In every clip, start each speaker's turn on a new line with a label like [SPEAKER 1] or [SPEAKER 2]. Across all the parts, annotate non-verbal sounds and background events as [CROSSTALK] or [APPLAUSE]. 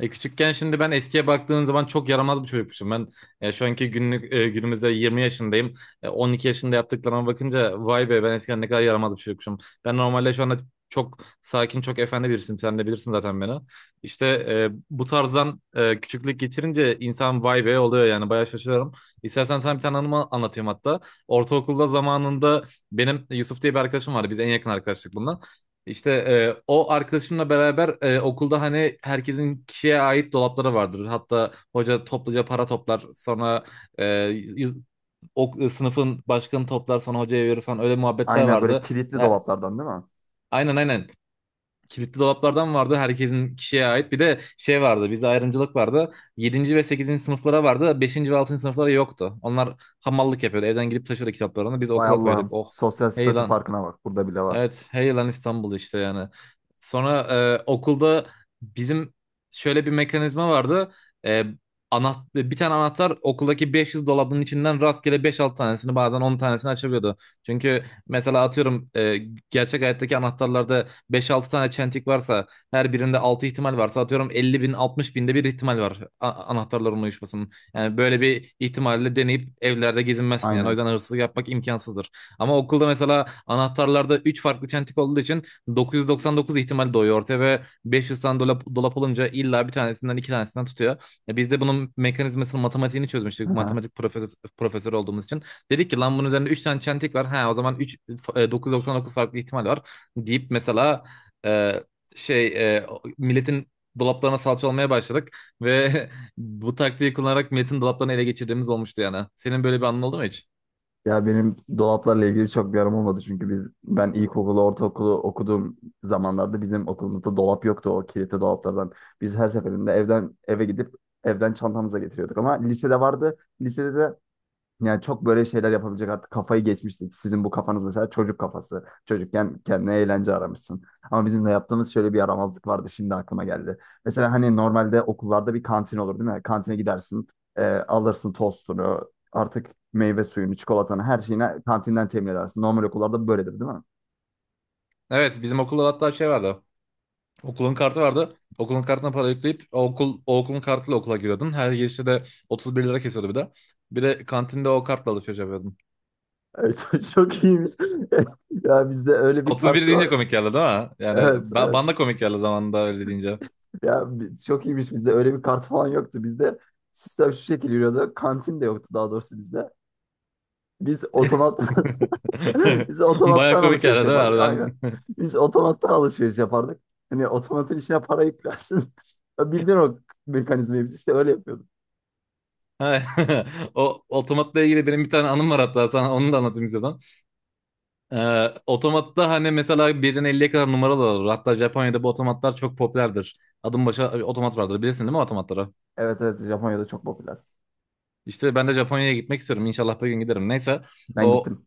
[SPEAKER 1] Küçükken şimdi ben eskiye baktığın zaman çok yaramaz bir çocukmuşum. Ben şu anki günlük günümüzde 20 yaşındayım. 12 yaşında yaptıklarıma bakınca vay be ben eskiden ne kadar yaramaz bir çocukmuşum. Ben normalde şu anda çok sakin, çok efendi birisiyim. Sen de bilirsin zaten beni. İşte bu tarzdan küçüklük geçirince insan vay be oluyor yani, bayağı şaşırıyorum. İstersen sana bir tane anımı anlatayım hatta. Ortaokulda zamanında benim Yusuf diye bir arkadaşım vardı. Biz en yakın arkadaşlık bununla. İşte o arkadaşımla beraber okulda hani herkesin kişiye ait dolapları vardır. Hatta hoca topluca para toplar, sonra e, yüz- sınıfın başkanı toplar sonra hocaya verir falan, öyle muhabbetler
[SPEAKER 2] Aynen böyle
[SPEAKER 1] vardı.
[SPEAKER 2] kilitli
[SPEAKER 1] E,
[SPEAKER 2] dolaplardan değil mi?
[SPEAKER 1] aynen aynen. Kilitli dolaplardan vardı, herkesin kişiye ait. Bir de şey vardı, bize ayrımcılık vardı. Yedinci ve sekizinci sınıflara vardı, beşinci ve 6. sınıflara yoktu. Onlar hamallık yapıyordu, evden gidip taşıyordu kitaplarını. Biz
[SPEAKER 2] Vay
[SPEAKER 1] okula koyduk.
[SPEAKER 2] Allah'ım.
[SPEAKER 1] Oh,
[SPEAKER 2] Sosyal
[SPEAKER 1] hey
[SPEAKER 2] statü
[SPEAKER 1] lan.
[SPEAKER 2] farkına bak. Burada bile var.
[SPEAKER 1] Evet, hey lan İstanbul işte yani. Sonra okulda bizim şöyle bir mekanizma vardı. E, Bir tane anahtar okuldaki 500 dolabının içinden rastgele 5-6 tanesini, bazen 10 tanesini açabiliyordu. Çünkü mesela atıyorum gerçek hayattaki anahtarlarda 5-6 tane çentik varsa, her birinde 6 ihtimal varsa, atıyorum 50 bin 60 binde bir ihtimal var anahtarların uyuşmasının. Yani böyle bir ihtimalle deneyip evlerde gezinmezsin yani. O
[SPEAKER 2] Aynen.
[SPEAKER 1] yüzden hırsızlık yapmak imkansızdır. Ama okulda mesela anahtarlarda 3 farklı çentik olduğu için 999 ihtimal doğuyor ortaya ve 500 tane dolap olunca illa bir tanesinden iki tanesinden tutuyor. Biz de bunun mekanizmasını matematiğini çözmüştük.
[SPEAKER 2] Aha.
[SPEAKER 1] Matematik profesör olduğumuz için. Dedik ki lan bunun üzerinde 3 tane çentik var. Ha, o zaman 3.999 farklı ihtimal var deyip mesela e, şey e, milletin dolaplarına salça olmaya başladık ve [LAUGHS] bu taktiği kullanarak milletin dolaplarını ele geçirdiğimiz olmuştu yani. Senin böyle bir anın oldu mu hiç?
[SPEAKER 2] Ya benim dolaplarla ilgili çok bir aram olmadı çünkü ben ilkokulu, ortaokulu okuduğum zamanlarda bizim okulumuzda dolap yoktu o kilitli dolaplardan. Biz her seferinde evden eve gidip evden çantamıza getiriyorduk ama lisede vardı. Lisede de yani çok böyle şeyler yapabilecek artık kafayı geçmiştik. Sizin bu kafanız mesela çocuk kafası. Çocukken kendine eğlence aramışsın. Ama bizim de yaptığımız şöyle bir yaramazlık vardı, şimdi aklıma geldi. Mesela hani normalde okullarda bir kantin olur değil mi? Kantine gidersin, alırsın tostunu, artık meyve suyunu, çikolatanı, her şeyini kantinden temin edersin. Normal okullarda böyledir değil mi?
[SPEAKER 1] Evet, bizim okulda hatta şey vardı. Okulun kartı vardı. Okulun kartına para yükleyip o okulun kartıyla okula giriyordun. Her girişte de 31 lira kesiyordu bir de. Bir de kantinde o kartla alışveriş yapıyordun.
[SPEAKER 2] Evet, [LAUGHS] çok iyiymiş. [LAUGHS] Ya bizde öyle bir
[SPEAKER 1] 31
[SPEAKER 2] parti
[SPEAKER 1] deyince
[SPEAKER 2] var.
[SPEAKER 1] komik geldi değil mi? Yani
[SPEAKER 2] Evet, evet.
[SPEAKER 1] bana da komik geldi zamanında öyle deyince.
[SPEAKER 2] Ya çok iyiymiş, bizde öyle bir kart falan yoktu. Bizde sistem şu şekilde yürüyordu. Kantin de yoktu daha doğrusu bizde. Biz otomattan [LAUGHS] biz
[SPEAKER 1] [LAUGHS] Baya
[SPEAKER 2] otomattan
[SPEAKER 1] komik geldi
[SPEAKER 2] alışveriş
[SPEAKER 1] değil mi
[SPEAKER 2] yapardık. Aynen.
[SPEAKER 1] harbiden? [LAUGHS]
[SPEAKER 2] Biz otomattan alışveriş yapardık. Hani otomatın içine para yüklersin. [LAUGHS] Ya, bildiğin o mekanizmayı biz işte öyle yapıyorduk.
[SPEAKER 1] Ha, [LAUGHS] o otomatla ilgili benim bir tane anım var hatta, sana onu da anlatayım istiyorsan. Otomatta hani mesela birden 50'ye kadar numaralar olur. Hatta Japonya'da bu otomatlar çok popülerdir. Adım başa otomat vardır, bilirsin değil mi otomatları?
[SPEAKER 2] Evet, evet, Japonya'da çok popüler.
[SPEAKER 1] İşte ben de Japonya'ya gitmek istiyorum. İnşallah bir gün giderim. Neyse
[SPEAKER 2] Ben
[SPEAKER 1] o
[SPEAKER 2] gittim.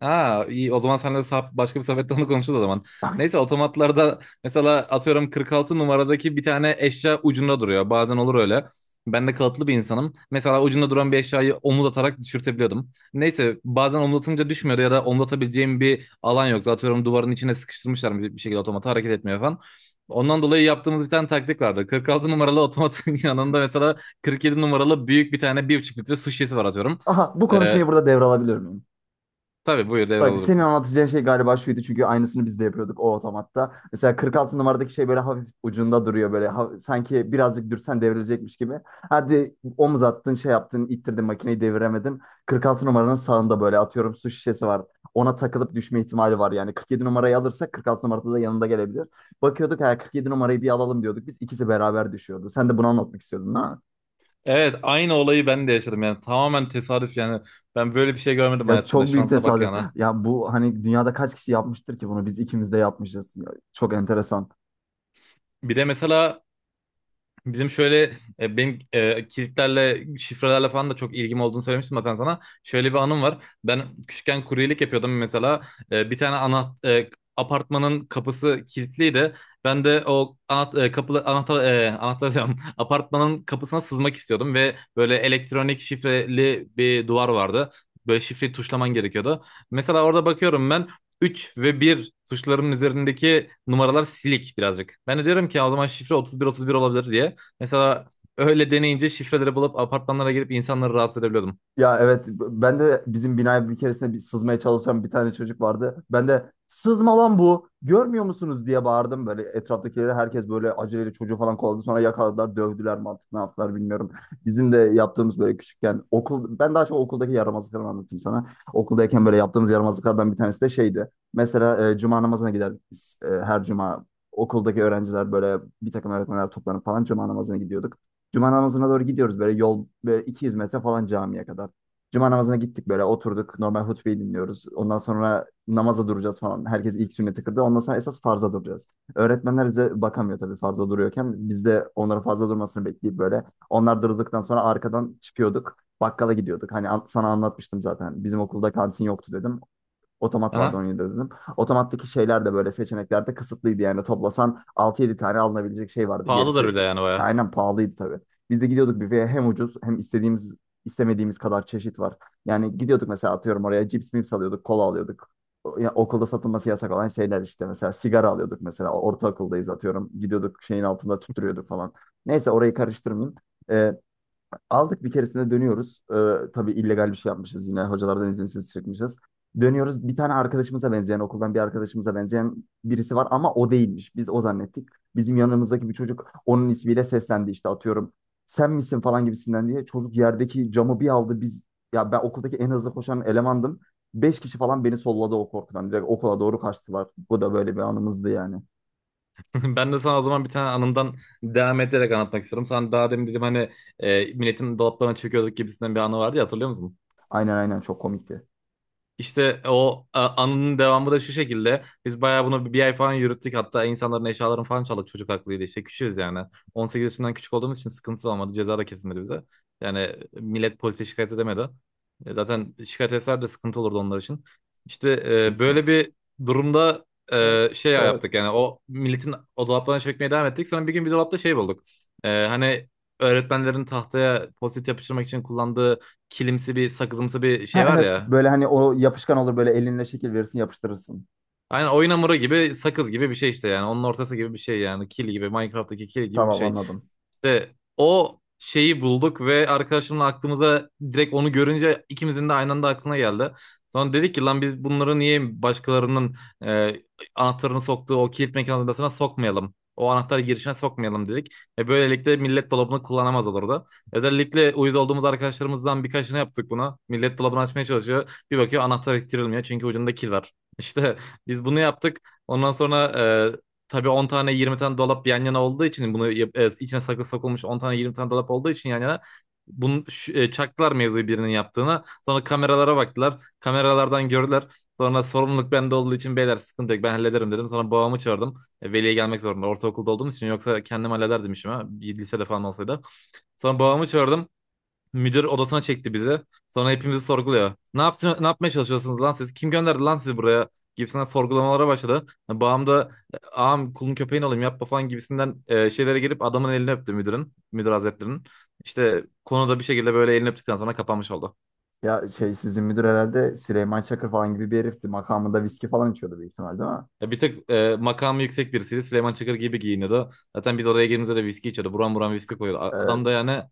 [SPEAKER 1] ha, iyi o zaman seninle başka bir sohbette onu konuşuruz o zaman.
[SPEAKER 2] [LAUGHS]
[SPEAKER 1] Neyse, otomatlarda mesela atıyorum 46 numaradaki bir tane eşya ucunda duruyor. Bazen olur öyle. Ben de kalıplı bir insanım. Mesela ucunda duran bir eşyayı omuz atarak düşürtebiliyordum. Neyse, bazen omuzatınca düşmüyordu ya da omuzatabileceğim bir alan yoktu. Atıyorum duvarın içine sıkıştırmışlar bir şekilde, otomatı hareket etmiyor falan. Ondan dolayı yaptığımız bir tane taktik vardı. 46 numaralı otomatın [LAUGHS] yanında mesela 47 numaralı büyük bir tane 1,5 litre su şişesi var atıyorum.
[SPEAKER 2] Aha, bu konuşmayı
[SPEAKER 1] Ee,
[SPEAKER 2] burada devralabilir miyim?
[SPEAKER 1] tabii, buyur
[SPEAKER 2] Bak, senin
[SPEAKER 1] devralabilirsin.
[SPEAKER 2] anlatacağın şey galiba şuydu çünkü aynısını biz de yapıyorduk o otomatta. Mesela 46 numaradaki şey böyle hafif ucunda duruyor, böyle sanki birazcık dürsen devrilecekmiş gibi. Hadi omuz attın, şey yaptın, ittirdin makineyi, deviremedin. 46 numaranın sağında böyle atıyorum su şişesi var. Ona takılıp düşme ihtimali var yani 47 numarayı alırsak 46 numarada da yanında gelebilir. Bakıyorduk, ha, 47 numarayı bir alalım diyorduk, biz ikisi beraber düşüyordu. Sen de bunu anlatmak istiyordun ha?
[SPEAKER 1] Evet, aynı olayı ben de yaşadım yani, tamamen tesadüf yani. Ben böyle bir şey görmedim
[SPEAKER 2] Ya
[SPEAKER 1] hayatımda,
[SPEAKER 2] çok büyük
[SPEAKER 1] şansa bak
[SPEAKER 2] tesadüf.
[SPEAKER 1] yani.
[SPEAKER 2] Ya bu hani dünyada kaç kişi yapmıştır ki bunu? Biz ikimiz de yapmışız. Ya, çok enteresan.
[SPEAKER 1] Bir de mesela bizim şöyle benim kilitlerle, şifrelerle falan da çok ilgim olduğunu söylemiştim zaten sana. Şöyle bir anım var. Ben küçükken kuryelik yapıyordum mesela. Bir tane apartmanın kapısı kilitliydi. Ben de o anahtar kapı anahtar anahtar diyorum. [LAUGHS] Apartmanın kapısına sızmak istiyordum ve böyle elektronik şifreli bir duvar vardı. Böyle şifreyi tuşlaman gerekiyordu. Mesela orada bakıyorum ben 3 ve bir tuşlarının üzerindeki numaralar silik birazcık. Ben de diyorum ki o zaman şifre 31-31 olabilir diye. Mesela öyle deneyince şifreleri bulup apartmanlara girip insanları rahatsız edebiliyordum.
[SPEAKER 2] Ya evet, ben de bizim binaya bir keresinde bir sızmaya çalışan bir tane çocuk vardı. Ben de sızma lan bu, görmüyor musunuz diye bağırdım böyle etraftakileri, herkes böyle aceleyle çocuğu falan kovaladı, sonra yakaladılar, dövdüler mi artık ne yaptılar bilmiyorum. Bizim de yaptığımız böyle küçükken okul, ben daha çok okuldaki yaramazlıkları anlatayım sana. Okuldayken böyle yaptığımız yaramazlıklardan bir tanesi de şeydi. Mesela cuma namazına giderdik biz, her cuma okuldaki öğrenciler böyle bir takım öğretmenler toplanıp falan cuma namazına gidiyorduk. Cuma namazına doğru gidiyoruz böyle, yol böyle 200 metre falan camiye kadar. Cuma namazına gittik, böyle oturduk, normal hutbeyi dinliyoruz. Ondan sonra namaza duracağız falan. Herkes ilk sünneti kırdı. Ondan sonra esas farza duracağız. Öğretmenler bize bakamıyor tabii farza duruyorken. Biz de onların farza durmasını bekleyip böyle. Onlar durduktan sonra arkadan çıkıyorduk. Bakkala gidiyorduk. Hani sana anlatmıştım zaten. Bizim okulda kantin yoktu dedim. Otomat vardı
[SPEAKER 1] Aha.
[SPEAKER 2] 17'de dedim. Otomattaki şeyler de böyle seçeneklerde kısıtlıydı yani. Toplasan altı yedi tane alınabilecek şey vardı.
[SPEAKER 1] Pahalıdır
[SPEAKER 2] Gerisi
[SPEAKER 1] bir de yani, baya.
[SPEAKER 2] aynen pahalıydı tabii. Biz de gidiyorduk büfeye, hem ucuz hem istediğimiz istemediğimiz kadar çeşit var. Yani gidiyorduk mesela atıyorum oraya, cips mips alıyorduk, kola alıyorduk. Ya okulda satılması yasak olan şeyler işte, mesela sigara alıyorduk mesela, ortaokuldayız atıyorum. Gidiyorduk şeyin altında tüttürüyorduk falan. Neyse orayı karıştırmayayım. Ee, Aldık bir keresinde, dönüyoruz. Tabii illegal bir şey yapmışız yine. Hocalardan izinsiz çıkmışız. Dönüyoruz. Bir tane arkadaşımıza benzeyen, okuldan bir arkadaşımıza benzeyen birisi var ama o değilmiş. Biz o zannettik. Bizim yanımızdaki bir çocuk onun ismiyle seslendi işte atıyorum. Sen misin falan gibisinden diye. Çocuk yerdeki camı bir aldı. Ya, ben okuldaki en hızlı koşan elemandım. Beş kişi falan beni solladı o korkudan. Direkt okula doğru kaçtılar. Bu da böyle bir anımızdı yani.
[SPEAKER 1] [LAUGHS] Ben de sana o zaman bir tane anımdan devam ederek anlatmak istiyorum. Sen daha demin dedim hani milletin dolaplarına çöküyorduk gibisinden bir anı vardı ya, hatırlıyor musun?
[SPEAKER 2] Aynen, aynen, çok komikti.
[SPEAKER 1] İşte o anının devamı da şu şekilde. Biz bayağı bunu bir ay falan yürüttük. Hatta insanların eşyalarını falan çaldık. Çocuk haklıydı, İşte küçüğüz yani. 18 yaşından küçük olduğumuz için sıkıntı olmadı, ceza da kesilmedi bize. Yani millet polise şikayet edemedi. Zaten şikayet etseler de sıkıntı olurdu onlar için. İşte
[SPEAKER 2] Büyük ihtimal.
[SPEAKER 1] böyle bir durumda
[SPEAKER 2] Evet.
[SPEAKER 1] şey
[SPEAKER 2] Evet.
[SPEAKER 1] yaptık yani. O milletin o dolaplarına çökmeye devam ettik. Sonra bir gün bir dolapta şey bulduk. Hani öğretmenlerin tahtaya post yapıştırmak için kullandığı kilimsi bir, sakızımsı bir
[SPEAKER 2] [LAUGHS] Ha
[SPEAKER 1] şey var
[SPEAKER 2] evet,
[SPEAKER 1] ya.
[SPEAKER 2] böyle hani o yapışkan olur, böyle elinle şekil verirsin, yapıştırırsın.
[SPEAKER 1] Aynen oyun hamuru gibi, sakız gibi bir şey işte yani. Onun ortası gibi bir şey yani. Kil gibi, Minecraft'taki kil gibi bir
[SPEAKER 2] Tamam,
[SPEAKER 1] şey.
[SPEAKER 2] anladım.
[SPEAKER 1] İşte o şeyi bulduk ve arkadaşımla aklımıza, direkt onu görünce ikimizin de aynı anda aklına geldi. Sonra dedik ki lan biz bunları niye başkalarının e, anahtarını soktuğu o kilit mekanizmasına sokmayalım, o anahtar girişine sokmayalım dedik. Ve böylelikle millet dolabını kullanamaz olurdu. Özellikle uyuz olduğumuz arkadaşlarımızdan birkaçını yaptık buna. Millet dolabını açmaya çalışıyor, bir bakıyor anahtar ittirilmiyor çünkü ucunda kil var. İşte [LAUGHS] biz bunu yaptık. Ondan sonra e, tabii 10 tane 20 tane dolap yan yana olduğu için içine saklı sokulmuş 10 tane 20 tane dolap olduğu için yan yana bunu çaktılar mevzuyu birinin yaptığına. Sonra kameralara baktılar, kameralardan gördüler. Sonra sorumluluk bende olduğu için, beyler sıkıntı yok ben hallederim dedim. Sonra babamı çağırdım. Veliye gelmek zorunda, ortaokulda olduğum için, yoksa kendim hallederdim işimi. Ha, lisede falan olsaydı. Sonra babamı çağırdım. Müdür odasına çekti bizi. Sonra hepimizi sorguluyor. Ne yaptın, ne yapmaya çalışıyorsunuz lan siz? Kim gönderdi lan sizi buraya gibisinden sorgulamalara başladı. Yani Bağım da "Ağam, kulun köpeğin olayım, yapma" falan gibisinden şeylere gelip adamın elini öptü müdürün, müdür hazretlerinin. İşte konuda bir şekilde böyle elini öptükten sonra kapanmış oldu.
[SPEAKER 2] Ya şey, sizin müdür herhalde Süleyman Çakır falan gibi bir herifti. Makamında viski falan içiyordu büyük ihtimal değil mi?
[SPEAKER 1] Ya bir tık makamı yüksek birisiydi. Süleyman Çakır gibi giyiniyordu. Zaten biz oraya girdiğimizde de viski içiyordu, buram buram viski koyuyordu. Adam
[SPEAKER 2] Ee,
[SPEAKER 1] da yani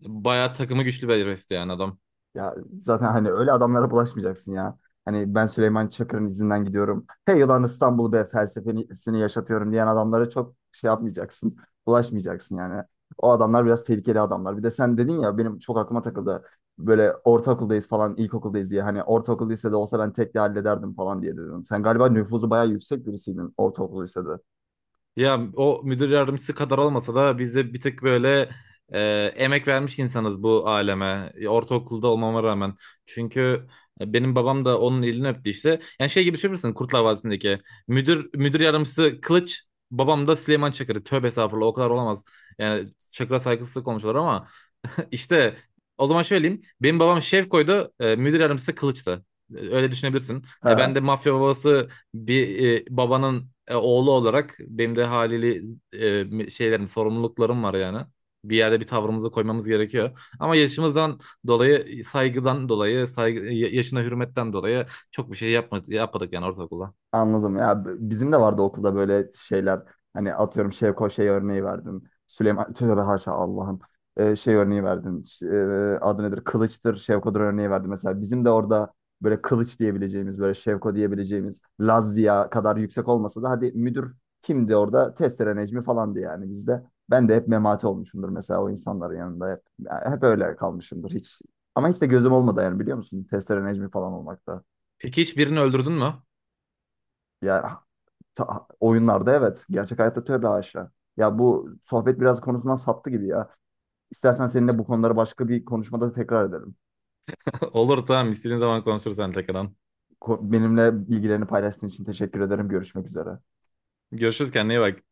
[SPEAKER 1] bayağı takımı güçlü bir herifti yani adam.
[SPEAKER 2] Ya zaten hani öyle adamlara bulaşmayacaksın ya. Hani ben Süleyman Çakır'ın izinden gidiyorum, Hey yılan İstanbul be felsefesini yaşatıyorum diyen adamlara çok şey yapmayacaksın. Bulaşmayacaksın yani. O adamlar biraz tehlikeli adamlar. Bir de sen dedin ya, benim çok aklıma takıldı. Böyle ortaokuldayız falan, ilkokuldayız diye. Hani ortaokul lisede olsa ben tek de hallederdim falan diye dedim. Sen galiba nüfuzu bayağı yüksek birisiydin ortaokul lisede.
[SPEAKER 1] Ya o müdür yardımcısı kadar olmasa da biz de bir tık böyle emek vermiş insanız bu aleme. Ortaokulda olmama rağmen. Çünkü benim babam da onun elini öptü işte. Yani şey gibi düşünür müsün, Kurtlar Vadisi'ndeki. Müdür yardımcısı Kılıç, babam da Süleyman Çakır'ı. Tövbe estağfurullah, o kadar olamaz. Yani Çakır'a saygısızlık olmuşlar ama işte o zaman şöyle diyeyim. Benim babam Şevko'ydu. Müdür yardımcısı Kılıç'tı. Öyle düşünebilirsin. Ben de
[SPEAKER 2] [LAUGHS]
[SPEAKER 1] mafya babası bir babanın oğlu olarak benim de haliyle şeylerim, sorumluluklarım var yani. Bir yerde bir tavrımızı koymamız gerekiyor. Ama yaşımızdan dolayı, saygıdan dolayı, saygı, yaşına hürmetten dolayı çok bir şey yapmadık yani ortaokulda.
[SPEAKER 2] Anladım. Bizim de vardı okulda böyle şeyler. Hani atıyorum Şevko şey örneği verdin. Süleyman, tövbe haşa Allah'ım. Şey örneği verdin. Adı nedir? Kılıç'tır, Şevko'dur örneği verdin. Mesela bizim de orada böyle Kılıç diyebileceğimiz, böyle Şevko diyebileceğimiz Lazia kadar yüksek olmasa da hadi müdür kimdi orada? Testere Necmi falandı yani bizde. Ben de hep memati olmuşumdur mesela o insanların yanında hep. Ya hep öyle kalmışımdır hiç. Ama hiç de gözüm olmadı yani, biliyor musun? Testere Necmi falan olmakta.
[SPEAKER 1] Peki hiç birini öldürdün mü?
[SPEAKER 2] Ya Oyunlarda evet. Gerçek hayatta tövbe haşa. Ya bu sohbet biraz konusundan saptı gibi ya. İstersen seninle bu konuları başka bir konuşmada tekrar edelim.
[SPEAKER 1] [LAUGHS] Olur, tamam, istediğin zaman konuşuruz sen tekrardan.
[SPEAKER 2] Benimle bilgilerini paylaştığın için teşekkür ederim. Görüşmek üzere.
[SPEAKER 1] Görüşürüz, kendine iyi bak.